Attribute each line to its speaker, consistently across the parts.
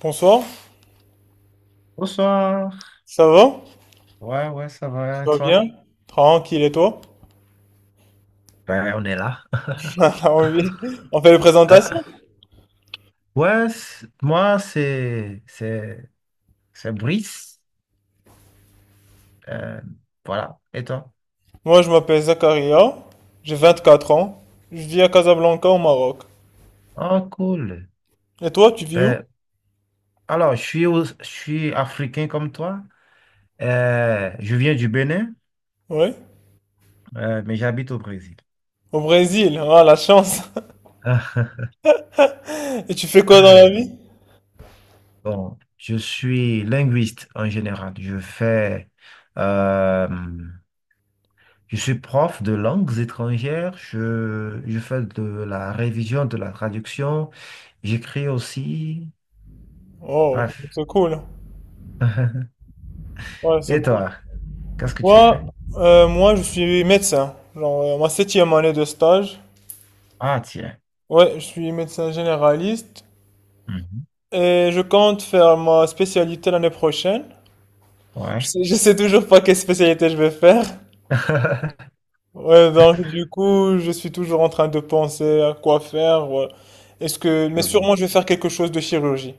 Speaker 1: Bonsoir,
Speaker 2: Bonsoir.
Speaker 1: ça va?
Speaker 2: Ouais, ouais, ça va, et
Speaker 1: Ça va
Speaker 2: toi?
Speaker 1: bien? Tranquille et toi?
Speaker 2: Ben, on est là.
Speaker 1: Alors oui, on fait les
Speaker 2: Euh,
Speaker 1: présentations.
Speaker 2: ouais, moi, c'est Brice. Euh, voilà, et toi?
Speaker 1: Moi je m'appelle Zakaria, j'ai 24 ans, je vis à Casablanca au Maroc.
Speaker 2: Oh, cool.
Speaker 1: Et toi tu vis où?
Speaker 2: Ben, alors, je suis, je suis africain comme toi. Je viens du Bénin,
Speaker 1: Oui?
Speaker 2: mais j'habite au Brésil.
Speaker 1: Au Brésil, ah la chance! Et tu fais quoi dans la vie?
Speaker 2: Bon, je suis linguiste en général. Euh, Je suis prof de langues étrangères, je fais de la révision, de la traduction, j'écris aussi.
Speaker 1: Oh,
Speaker 2: Bref.
Speaker 1: c'est cool. Ouais, c'est
Speaker 2: Et
Speaker 1: cool.
Speaker 2: toi, qu'est-ce que tu
Speaker 1: Moi,
Speaker 2: fais?
Speaker 1: moi je suis médecin, genre ma septième année de stage.
Speaker 2: Ah, tiens.
Speaker 1: Ouais, je suis médecin généraliste
Speaker 2: Mhm.
Speaker 1: et je compte faire ma spécialité l'année prochaine. Je
Speaker 2: Ouais.
Speaker 1: sais, je sais toujours pas quelle spécialité je vais faire. Ouais, donc du coup, je suis toujours en train de penser à quoi faire, ouais. Est-ce que,
Speaker 2: Je
Speaker 1: mais
Speaker 2: vois.
Speaker 1: sûrement, je vais faire quelque chose de chirurgie.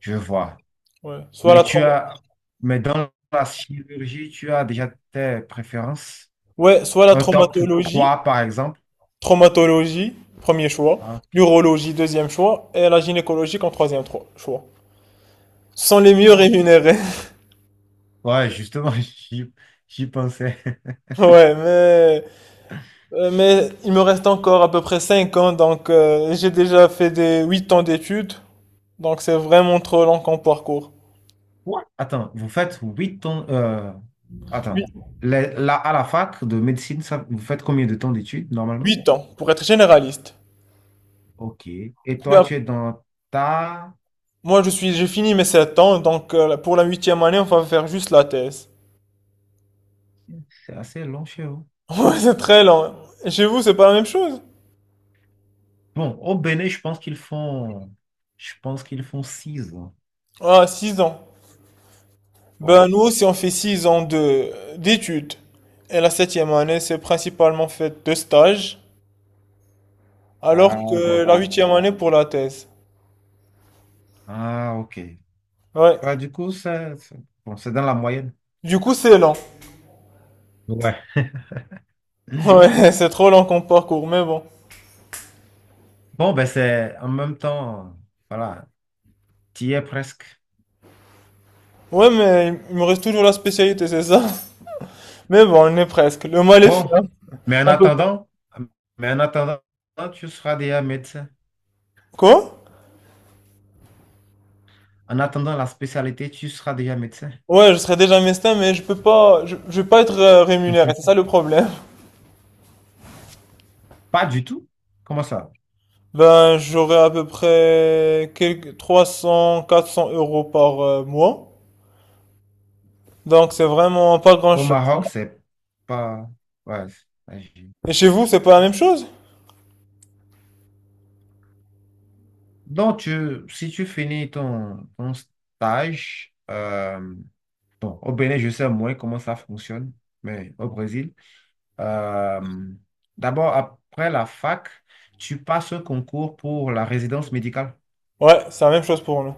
Speaker 2: Je vois.
Speaker 1: Ouais,
Speaker 2: Mais tu as, mais dans la chirurgie, tu as déjà tes préférences?
Speaker 1: ouais, soit la
Speaker 2: Un top
Speaker 1: traumatologie,
Speaker 2: 3, par exemple?
Speaker 1: traumatologie, premier choix,
Speaker 2: Ah, ok.
Speaker 1: l'urologie, deuxième choix, et la gynécologie en troisième choix. Ce sont les mieux
Speaker 2: Ah.
Speaker 1: rémunérés.
Speaker 2: Ouais, justement, j'y pensais.
Speaker 1: Ouais, mais il me reste encore à peu près 5 ans, donc j'ai déjà fait des 8 ans d'études, donc c'est vraiment trop long comme parcours.
Speaker 2: Quoi? Attends, vous faites 8 ans. Attends. À la fac de médecine, vous faites combien de temps d'études normalement?
Speaker 1: 8 ans, pour être généraliste.
Speaker 2: Ok. Et
Speaker 1: Puis
Speaker 2: toi,
Speaker 1: ap-
Speaker 2: tu es dans ta…
Speaker 1: Moi, j'ai fini mes 7 ans, donc pour la huitième année, on va faire juste la thèse.
Speaker 2: C'est assez long chez vous.
Speaker 1: Ouais, c'est très lent. Chez vous, c'est pas la même chose?
Speaker 2: Bon, au Bénin, je pense qu'ils font… Je pense qu'ils font 6 ans.
Speaker 1: Ah, 6 ans.
Speaker 2: Ouais.
Speaker 1: Ben, nous aussi, on fait 6 ans d'études. Et la septième année, c'est principalement fait de stages, alors
Speaker 2: Ah,
Speaker 1: que la huitième
Speaker 2: d'accord.
Speaker 1: année pour la thèse.
Speaker 2: Ah, ok.
Speaker 1: Ouais.
Speaker 2: Bah, du coup, ça, c'est bon, c'est dans la moyenne.
Speaker 1: Du coup, c'est lent.
Speaker 2: Ouais.
Speaker 1: Ouais, c'est trop lent comme parcours, mais bon.
Speaker 2: Bon, ben c'est en même temps, voilà, tu y es presque.
Speaker 1: Ouais, mais il me reste toujours la spécialité, c'est ça? Mais bon, on est presque. Le mal est fait,
Speaker 2: Bon,
Speaker 1: hein.
Speaker 2: mais en
Speaker 1: On peut pas.
Speaker 2: attendant, mais en attendant, tu seras déjà médecin.
Speaker 1: Quoi?
Speaker 2: En attendant la spécialité, tu seras déjà médecin.
Speaker 1: Ouais, je serais déjà mestin, mais je peux pas, je vais pas être rémunéré, c'est
Speaker 2: Mhm.
Speaker 1: ça le problème.
Speaker 2: Pas du tout. Comment ça?
Speaker 1: Ben, j'aurais à peu près quelques 300, 400 euros par mois. Donc, c'est vraiment pas
Speaker 2: Au
Speaker 1: grand-chose, hein.
Speaker 2: Maroc, c'est pas. Ouais, c'est pas gi-
Speaker 1: Et chez vous, c'est pas la même chose?
Speaker 2: Donc, si tu finis ton, ton stage, bon, au Bénin, je sais moins comment ça fonctionne, mais au Brésil, euh, d'abord, après la fac, tu passes un concours pour la résidence médicale.
Speaker 1: Ouais, c'est la même chose pour nous.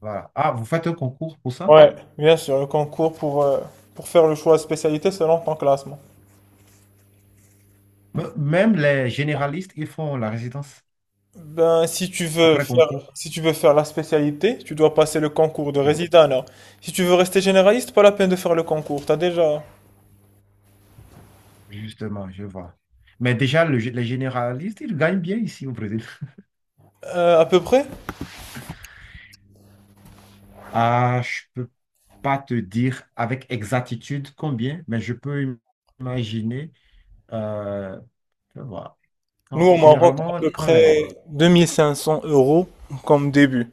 Speaker 2: Voilà. Ah, vous faites un concours pour ça?
Speaker 1: Ouais, bien sûr, le concours pour faire le choix de spécialité selon ton classement.
Speaker 2: Même les généralistes, ils font la résidence
Speaker 1: Ben, si tu veux
Speaker 2: après
Speaker 1: faire,
Speaker 2: concours.
Speaker 1: si tu veux faire la spécialité, tu dois passer le concours de
Speaker 2: Oui,
Speaker 1: résident, alors. Si tu veux rester généraliste, pas la peine de faire le concours. T'as déjà,
Speaker 2: justement, je vois. Mais déjà, les généralistes, ils gagnent bien ici au Brésil.
Speaker 1: à peu près?
Speaker 2: Ah, je peux pas te dire avec exactitude combien, mais je peux imaginer. euh, je vois.
Speaker 1: Nous, au Maroc, à
Speaker 2: Généralement,
Speaker 1: peu
Speaker 2: quand
Speaker 1: près
Speaker 2: les…
Speaker 1: 2500 euros comme début,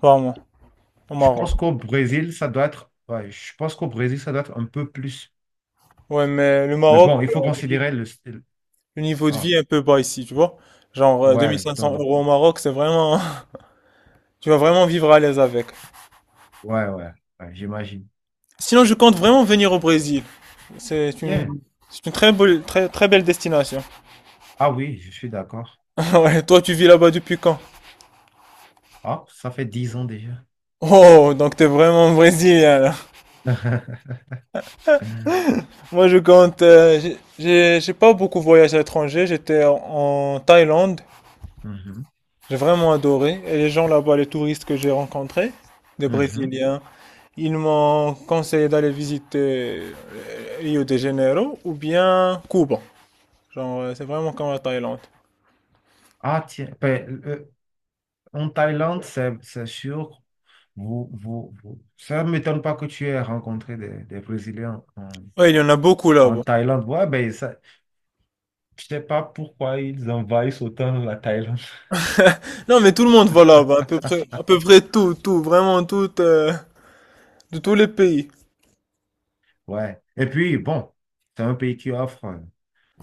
Speaker 1: par mois, au
Speaker 2: Je
Speaker 1: Maroc.
Speaker 2: pense qu'au Brésil, ça doit être… ouais, je pense qu'au Brésil, ça doit être un peu plus.
Speaker 1: Ouais, mais le
Speaker 2: Mais
Speaker 1: Maroc,
Speaker 2: bon, il faut considérer le… style.
Speaker 1: le niveau de vie
Speaker 2: Ah,
Speaker 1: est un peu bas ici, tu vois. Genre,
Speaker 2: ouais,
Speaker 1: 2500
Speaker 2: donc…
Speaker 1: euros au Maroc, c'est vraiment. Tu vas vraiment vivre à l'aise avec.
Speaker 2: Ouais, ouais, ouais, j'imagine.
Speaker 1: Sinon, je compte vraiment venir au Brésil. C'est une...
Speaker 2: Bien.
Speaker 1: C'est une très belle, très, très belle destination.
Speaker 2: Ah oui, je suis d'accord.
Speaker 1: Ouais, toi, tu vis là-bas depuis quand?
Speaker 2: Ah, ça fait 10 ans déjà.
Speaker 1: Oh, donc t'es vraiment brésilien, là. Moi, je compte... j'ai pas beaucoup voyagé à l'étranger. J'étais en Thaïlande.
Speaker 2: Mhm,
Speaker 1: J'ai vraiment adoré. Et les gens là-bas, les touristes que j'ai rencontrés, des
Speaker 2: mhm.
Speaker 1: Brésiliens, ils m'ont conseillé d'aller visiter Rio de Janeiro ou bien Cuba. Genre, c'est vraiment comme la Thaïlande.
Speaker 2: Ah tiens, ben, en Thaïlande, c'est sûr. Ça ne m'étonne pas que tu aies rencontré des Brésiliens en,
Speaker 1: Ouais, il y en a beaucoup
Speaker 2: en
Speaker 1: là-bas.
Speaker 2: Thaïlande. Ouais, ben, ça, je sais pas pourquoi ils envahissent autant la Thaïlande.
Speaker 1: Non, mais tout le monde va là-bas, à peu près tout, tout, vraiment tout, de tous les pays.
Speaker 2: Ouais. Et puis, bon, c'est un pays qui offre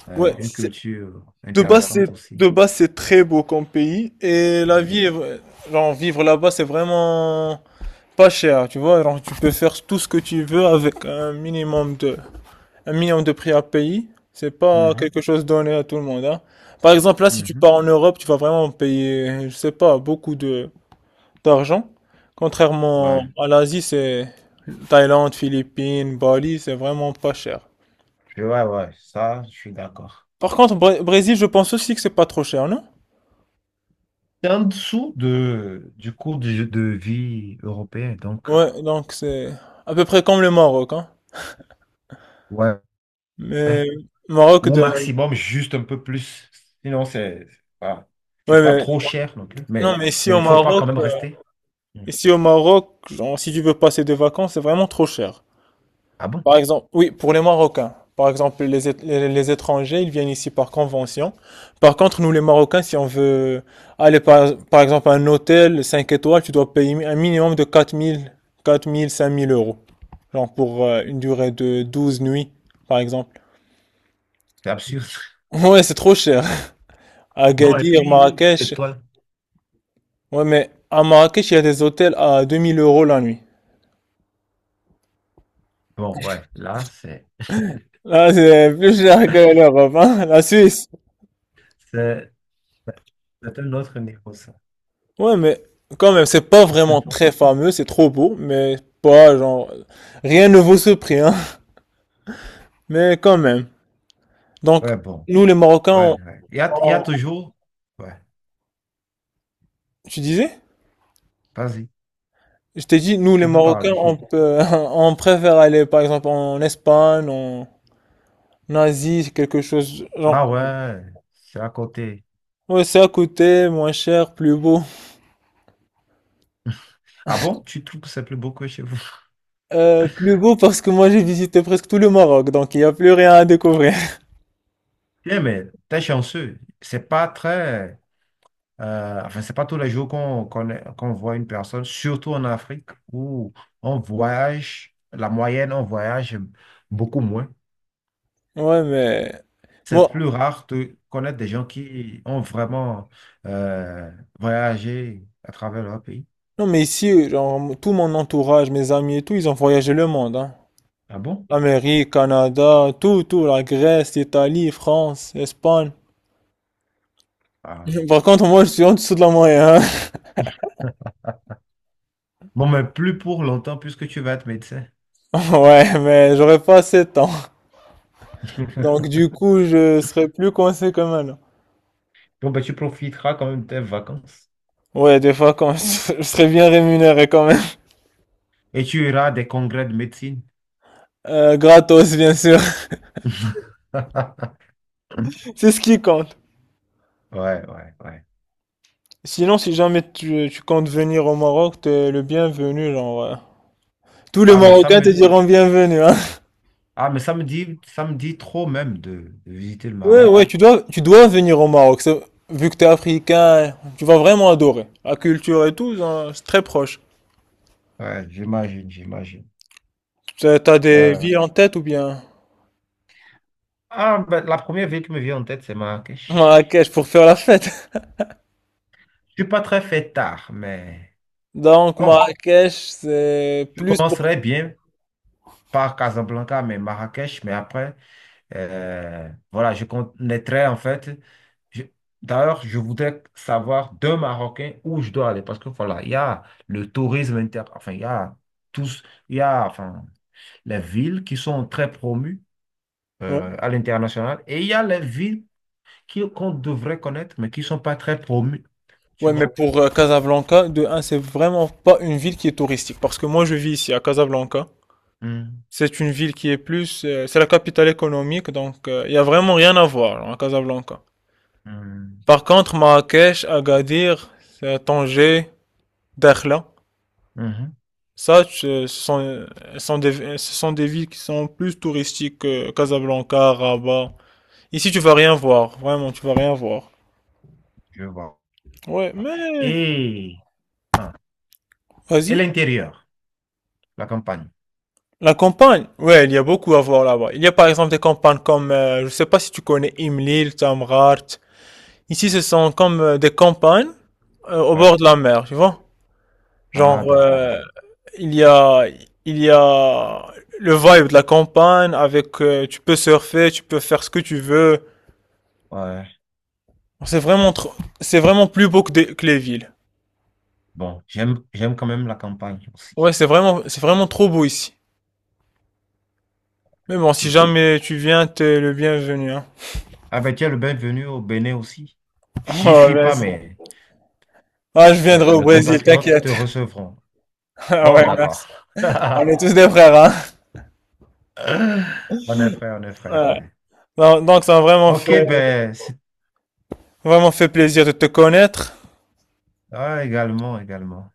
Speaker 1: Ouais,
Speaker 2: une culture
Speaker 1: de base, c'est,
Speaker 2: intéressante aussi.
Speaker 1: de base, c'est très beau comme pays et la
Speaker 2: Oui.
Speaker 1: vie est, genre, vivre là-bas, c'est vraiment pas cher, tu vois. Alors, tu peux faire tout ce que tu veux avec un minimum de prix à payer. C'est pas
Speaker 2: Mhm,
Speaker 1: quelque chose donné à tout le monde, hein. Par exemple, là, si tu
Speaker 2: mhm.
Speaker 1: pars en Europe, tu vas vraiment payer, je sais pas, beaucoup d'argent. Contrairement
Speaker 2: Ouais.
Speaker 1: à l'Asie, c'est Thaïlande, Philippines, Bali, c'est vraiment pas cher.
Speaker 2: Ouais, ouais, ça, je suis d'accord.
Speaker 1: Par contre, Brésil, je pense aussi que c'est pas trop cher, non?
Speaker 2: C'est en dessous de, du coût de vie européen, donc,
Speaker 1: Ouais, donc c'est à peu près comme le Maroc, hein.
Speaker 2: ouais, ouais.
Speaker 1: Mais Maroc
Speaker 2: Ou au
Speaker 1: de,
Speaker 2: maximum, juste un peu plus. Sinon, c'est voilà. C'est
Speaker 1: ouais,
Speaker 2: pas
Speaker 1: mais
Speaker 2: trop cher non plus,
Speaker 1: non,
Speaker 2: mais, mais il faut pas quand même rester. Hmm.
Speaker 1: Ici au Maroc, genre, si tu veux passer des vacances, c'est vraiment trop cher.
Speaker 2: Ah bon?
Speaker 1: Par exemple, oui, pour les Marocains. Par exemple, les étrangers, ils viennent ici par convention. Par contre, nous les Marocains, si on veut aller par exemple à un hôtel 5 étoiles, tu dois payer un minimum de quatre mille 5000 euros. Genre pour une durée de 12 nuits, par exemple.
Speaker 2: C'est absurde.
Speaker 1: Ouais, c'est trop cher.
Speaker 2: Bon, et
Speaker 1: Agadir,
Speaker 2: puis,
Speaker 1: Marrakech.
Speaker 2: étoile.
Speaker 1: Ouais, mais à Marrakech, il y a des hôtels à 2000 euros la nuit.
Speaker 2: Bon, ouais, là,
Speaker 1: Là, c'est plus cher que l'Europe, hein, la Suisse.
Speaker 2: c'est- c'est un autre niveau, ça.
Speaker 1: Ouais, mais quand même, c'est pas vraiment très fameux, c'est trop beau, mais pas genre. Rien ne vaut ce prix, hein. Mais quand même. Donc,
Speaker 2: Ouais, bon,
Speaker 1: nous les Marocains,
Speaker 2: ouais, ouais. Il y a
Speaker 1: on-
Speaker 2: toujours. Ouais,
Speaker 1: tu disais?
Speaker 2: vas-y,
Speaker 1: Je t'ai dit, nous les
Speaker 2: tu peux
Speaker 1: Marocains,
Speaker 2: parler.
Speaker 1: on peut, on préfère aller par exemple en Espagne, en Asie, quelque chose. Genre,
Speaker 2: Ah ouais, c'est à côté.
Speaker 1: ouais, c'est à côté, moins cher, plus beau.
Speaker 2: Ah bon? Tu trouves que c'est plus beau que chez vous?
Speaker 1: Plus beau parce que moi j'ai visité presque tout le Maroc, donc il n'y a plus rien à découvrir.
Speaker 2: Bien, mais t'es chanceux. C'est pas tous les jours qu'on voit une personne, surtout en Afrique, où on voyage, la moyenne, on voyage beaucoup moins.
Speaker 1: Ouais, mais.
Speaker 2: C'est plus
Speaker 1: Moi,
Speaker 2: rare de connaître des gens qui ont vraiment euh, voyagé à travers leur pays.
Speaker 1: Non, mais ici, genre, tout mon entourage, mes amis et tout, ils ont voyagé le monde, hein.
Speaker 2: Ah bon?
Speaker 1: L'Amérique, Canada, tout, tout, la Grèce, l'Italie, France, Espagne.
Speaker 2: Ah.
Speaker 1: Par contre, moi, je suis en dessous de la moyenne, hein.
Speaker 2: Bon, mais plus pour longtemps, puisque tu vas être médecin.
Speaker 1: Ouais, mais j'aurais pas assez de temps. Donc, du coup, je serais plus coincé quand même.
Speaker 2: Bon, ben, tu profiteras quand même de tes vacances.
Speaker 1: Ouais, des fois, quand je serais bien rémunéré quand même.
Speaker 2: Et tu iras à des congrès de médecine.
Speaker 1: Gratos, bien sûr.
Speaker 2: Ouais,
Speaker 1: C'est ce qui compte.
Speaker 2: ouais, ouais.
Speaker 1: Sinon, si jamais tu comptes venir au Maroc, t'es le bienvenu, genre. Tous les
Speaker 2: Ah, mais ça
Speaker 1: Marocains te
Speaker 2: me,
Speaker 1: diront bienvenue, hein.
Speaker 2: ah, mais ça me dit trop même de visiter le
Speaker 1: Ouais,
Speaker 2: Maroc.
Speaker 1: ouais, tu dois venir au Maroc. Vu que t'es africain, tu vas vraiment adorer. La culture et tout, hein, c'est très proche.
Speaker 2: Ouais, j'imagine, j'imagine.
Speaker 1: T'as des
Speaker 2: Euh,
Speaker 1: villes en tête ou bien
Speaker 2: ben, la première ville qui me vient en tête, c'est Marrakech.
Speaker 1: Marrakech pour faire la fête.
Speaker 2: Je suis pas très fait tard, mais
Speaker 1: Donc
Speaker 2: bon,
Speaker 1: Marrakech, c'est
Speaker 2: je
Speaker 1: plus pour.
Speaker 2: commencerai bien par Casablanca, mais Marrakech, mais après, voilà, je connaîtrai en fait. je- D'ailleurs, je voudrais savoir d'un Marocain où je dois aller parce que voilà, il y a le tourisme inter, enfin, il y a tous, il y a, enfin. Les villes qui sont très promues
Speaker 1: Ouais.
Speaker 2: à l'international. Et il y a les villes qu'on devrait connaître, mais qui ne sont pas très promues. Tu
Speaker 1: Ouais, mais
Speaker 2: vois?
Speaker 1: pour Casablanca, de un, c'est vraiment pas une ville qui est touristique. Parce que moi, je vis ici à Casablanca.
Speaker 2: Hmm,
Speaker 1: C'est une ville qui est plus. C'est la capitale économique, donc il y a vraiment rien à voir à Casablanca.
Speaker 2: hmm,
Speaker 1: Par contre, Marrakech, Agadir, Tanger, Dakhla.
Speaker 2: mhm,
Speaker 1: Ça, ce sont des villes qui sont plus touristiques que Casablanca, Rabat. Ici, tu vas rien voir. Vraiment, tu vas rien voir.
Speaker 2: je vois.
Speaker 1: Ouais, mais,
Speaker 2: Et, ah, et
Speaker 1: vas-y.
Speaker 2: l'intérieur, la campagne.
Speaker 1: La campagne. Ouais, il y a beaucoup à voir là-bas. Il y a par exemple des campagnes comme, je sais pas si tu connais Imlil, Tamrat. Ici, ce sont comme des campagnes au
Speaker 2: Ouais.
Speaker 1: bord de la mer, tu vois. Genre,
Speaker 2: Ah, d'accord. Je…
Speaker 1: il y a, il y a le vibe de la campagne avec, tu peux surfer, tu peux faire ce que tu veux.
Speaker 2: Ouais.
Speaker 1: C'est vraiment trop, c'est vraiment plus beau que les villes.
Speaker 2: Bon, j'aime quand même la campagne aussi.
Speaker 1: Ouais, c'est vraiment trop beau ici. Mais bon, si jamais tu viens, t'es le bienvenu, hein.
Speaker 2: Ah ben tiens, le bienvenu au Bénin aussi. J'y
Speaker 1: Oh,
Speaker 2: suis pas,
Speaker 1: vas-y.
Speaker 2: mais
Speaker 1: Ah, je viendrai au
Speaker 2: mes
Speaker 1: Brésil,
Speaker 2: compatriotes te
Speaker 1: t'inquiète.
Speaker 2: recevront.
Speaker 1: Ah
Speaker 2: Bon,
Speaker 1: ouais, merci.
Speaker 2: d'accord.
Speaker 1: On est tous des frères, hein.
Speaker 2: On est frère, on est frère.
Speaker 1: Ouais.
Speaker 2: Ouais.
Speaker 1: Non, donc, ça m'a vraiment
Speaker 2: Ok,
Speaker 1: fait,
Speaker 2: ben,
Speaker 1: vraiment fait plaisir de te connaître.
Speaker 2: également, également.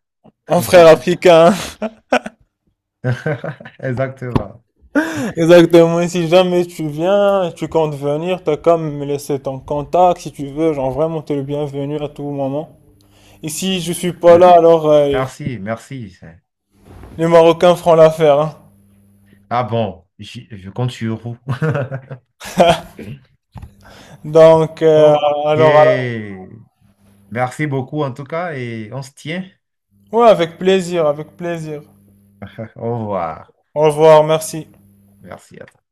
Speaker 1: Mon frère africain, hein.
Speaker 2: Exactement.
Speaker 1: Exactement. Et si jamais tu viens, tu comptes venir, t'as comme me laisser ton contact si tu veux. Genre, vraiment, t'es le bienvenu à tout moment. Ici, je suis pas
Speaker 2: Me-
Speaker 1: là, alors,
Speaker 2: Merci, merci.
Speaker 1: les Marocains feront l'affaire, hein.
Speaker 2: Ah bon, je compte sur vous.
Speaker 1: Donc,
Speaker 2: Ok.
Speaker 1: alors,
Speaker 2: Merci beaucoup en tout cas et on se tient.
Speaker 1: ouais, avec plaisir, avec plaisir.
Speaker 2: Au revoir.
Speaker 1: Au revoir, merci.
Speaker 2: Merci à toi.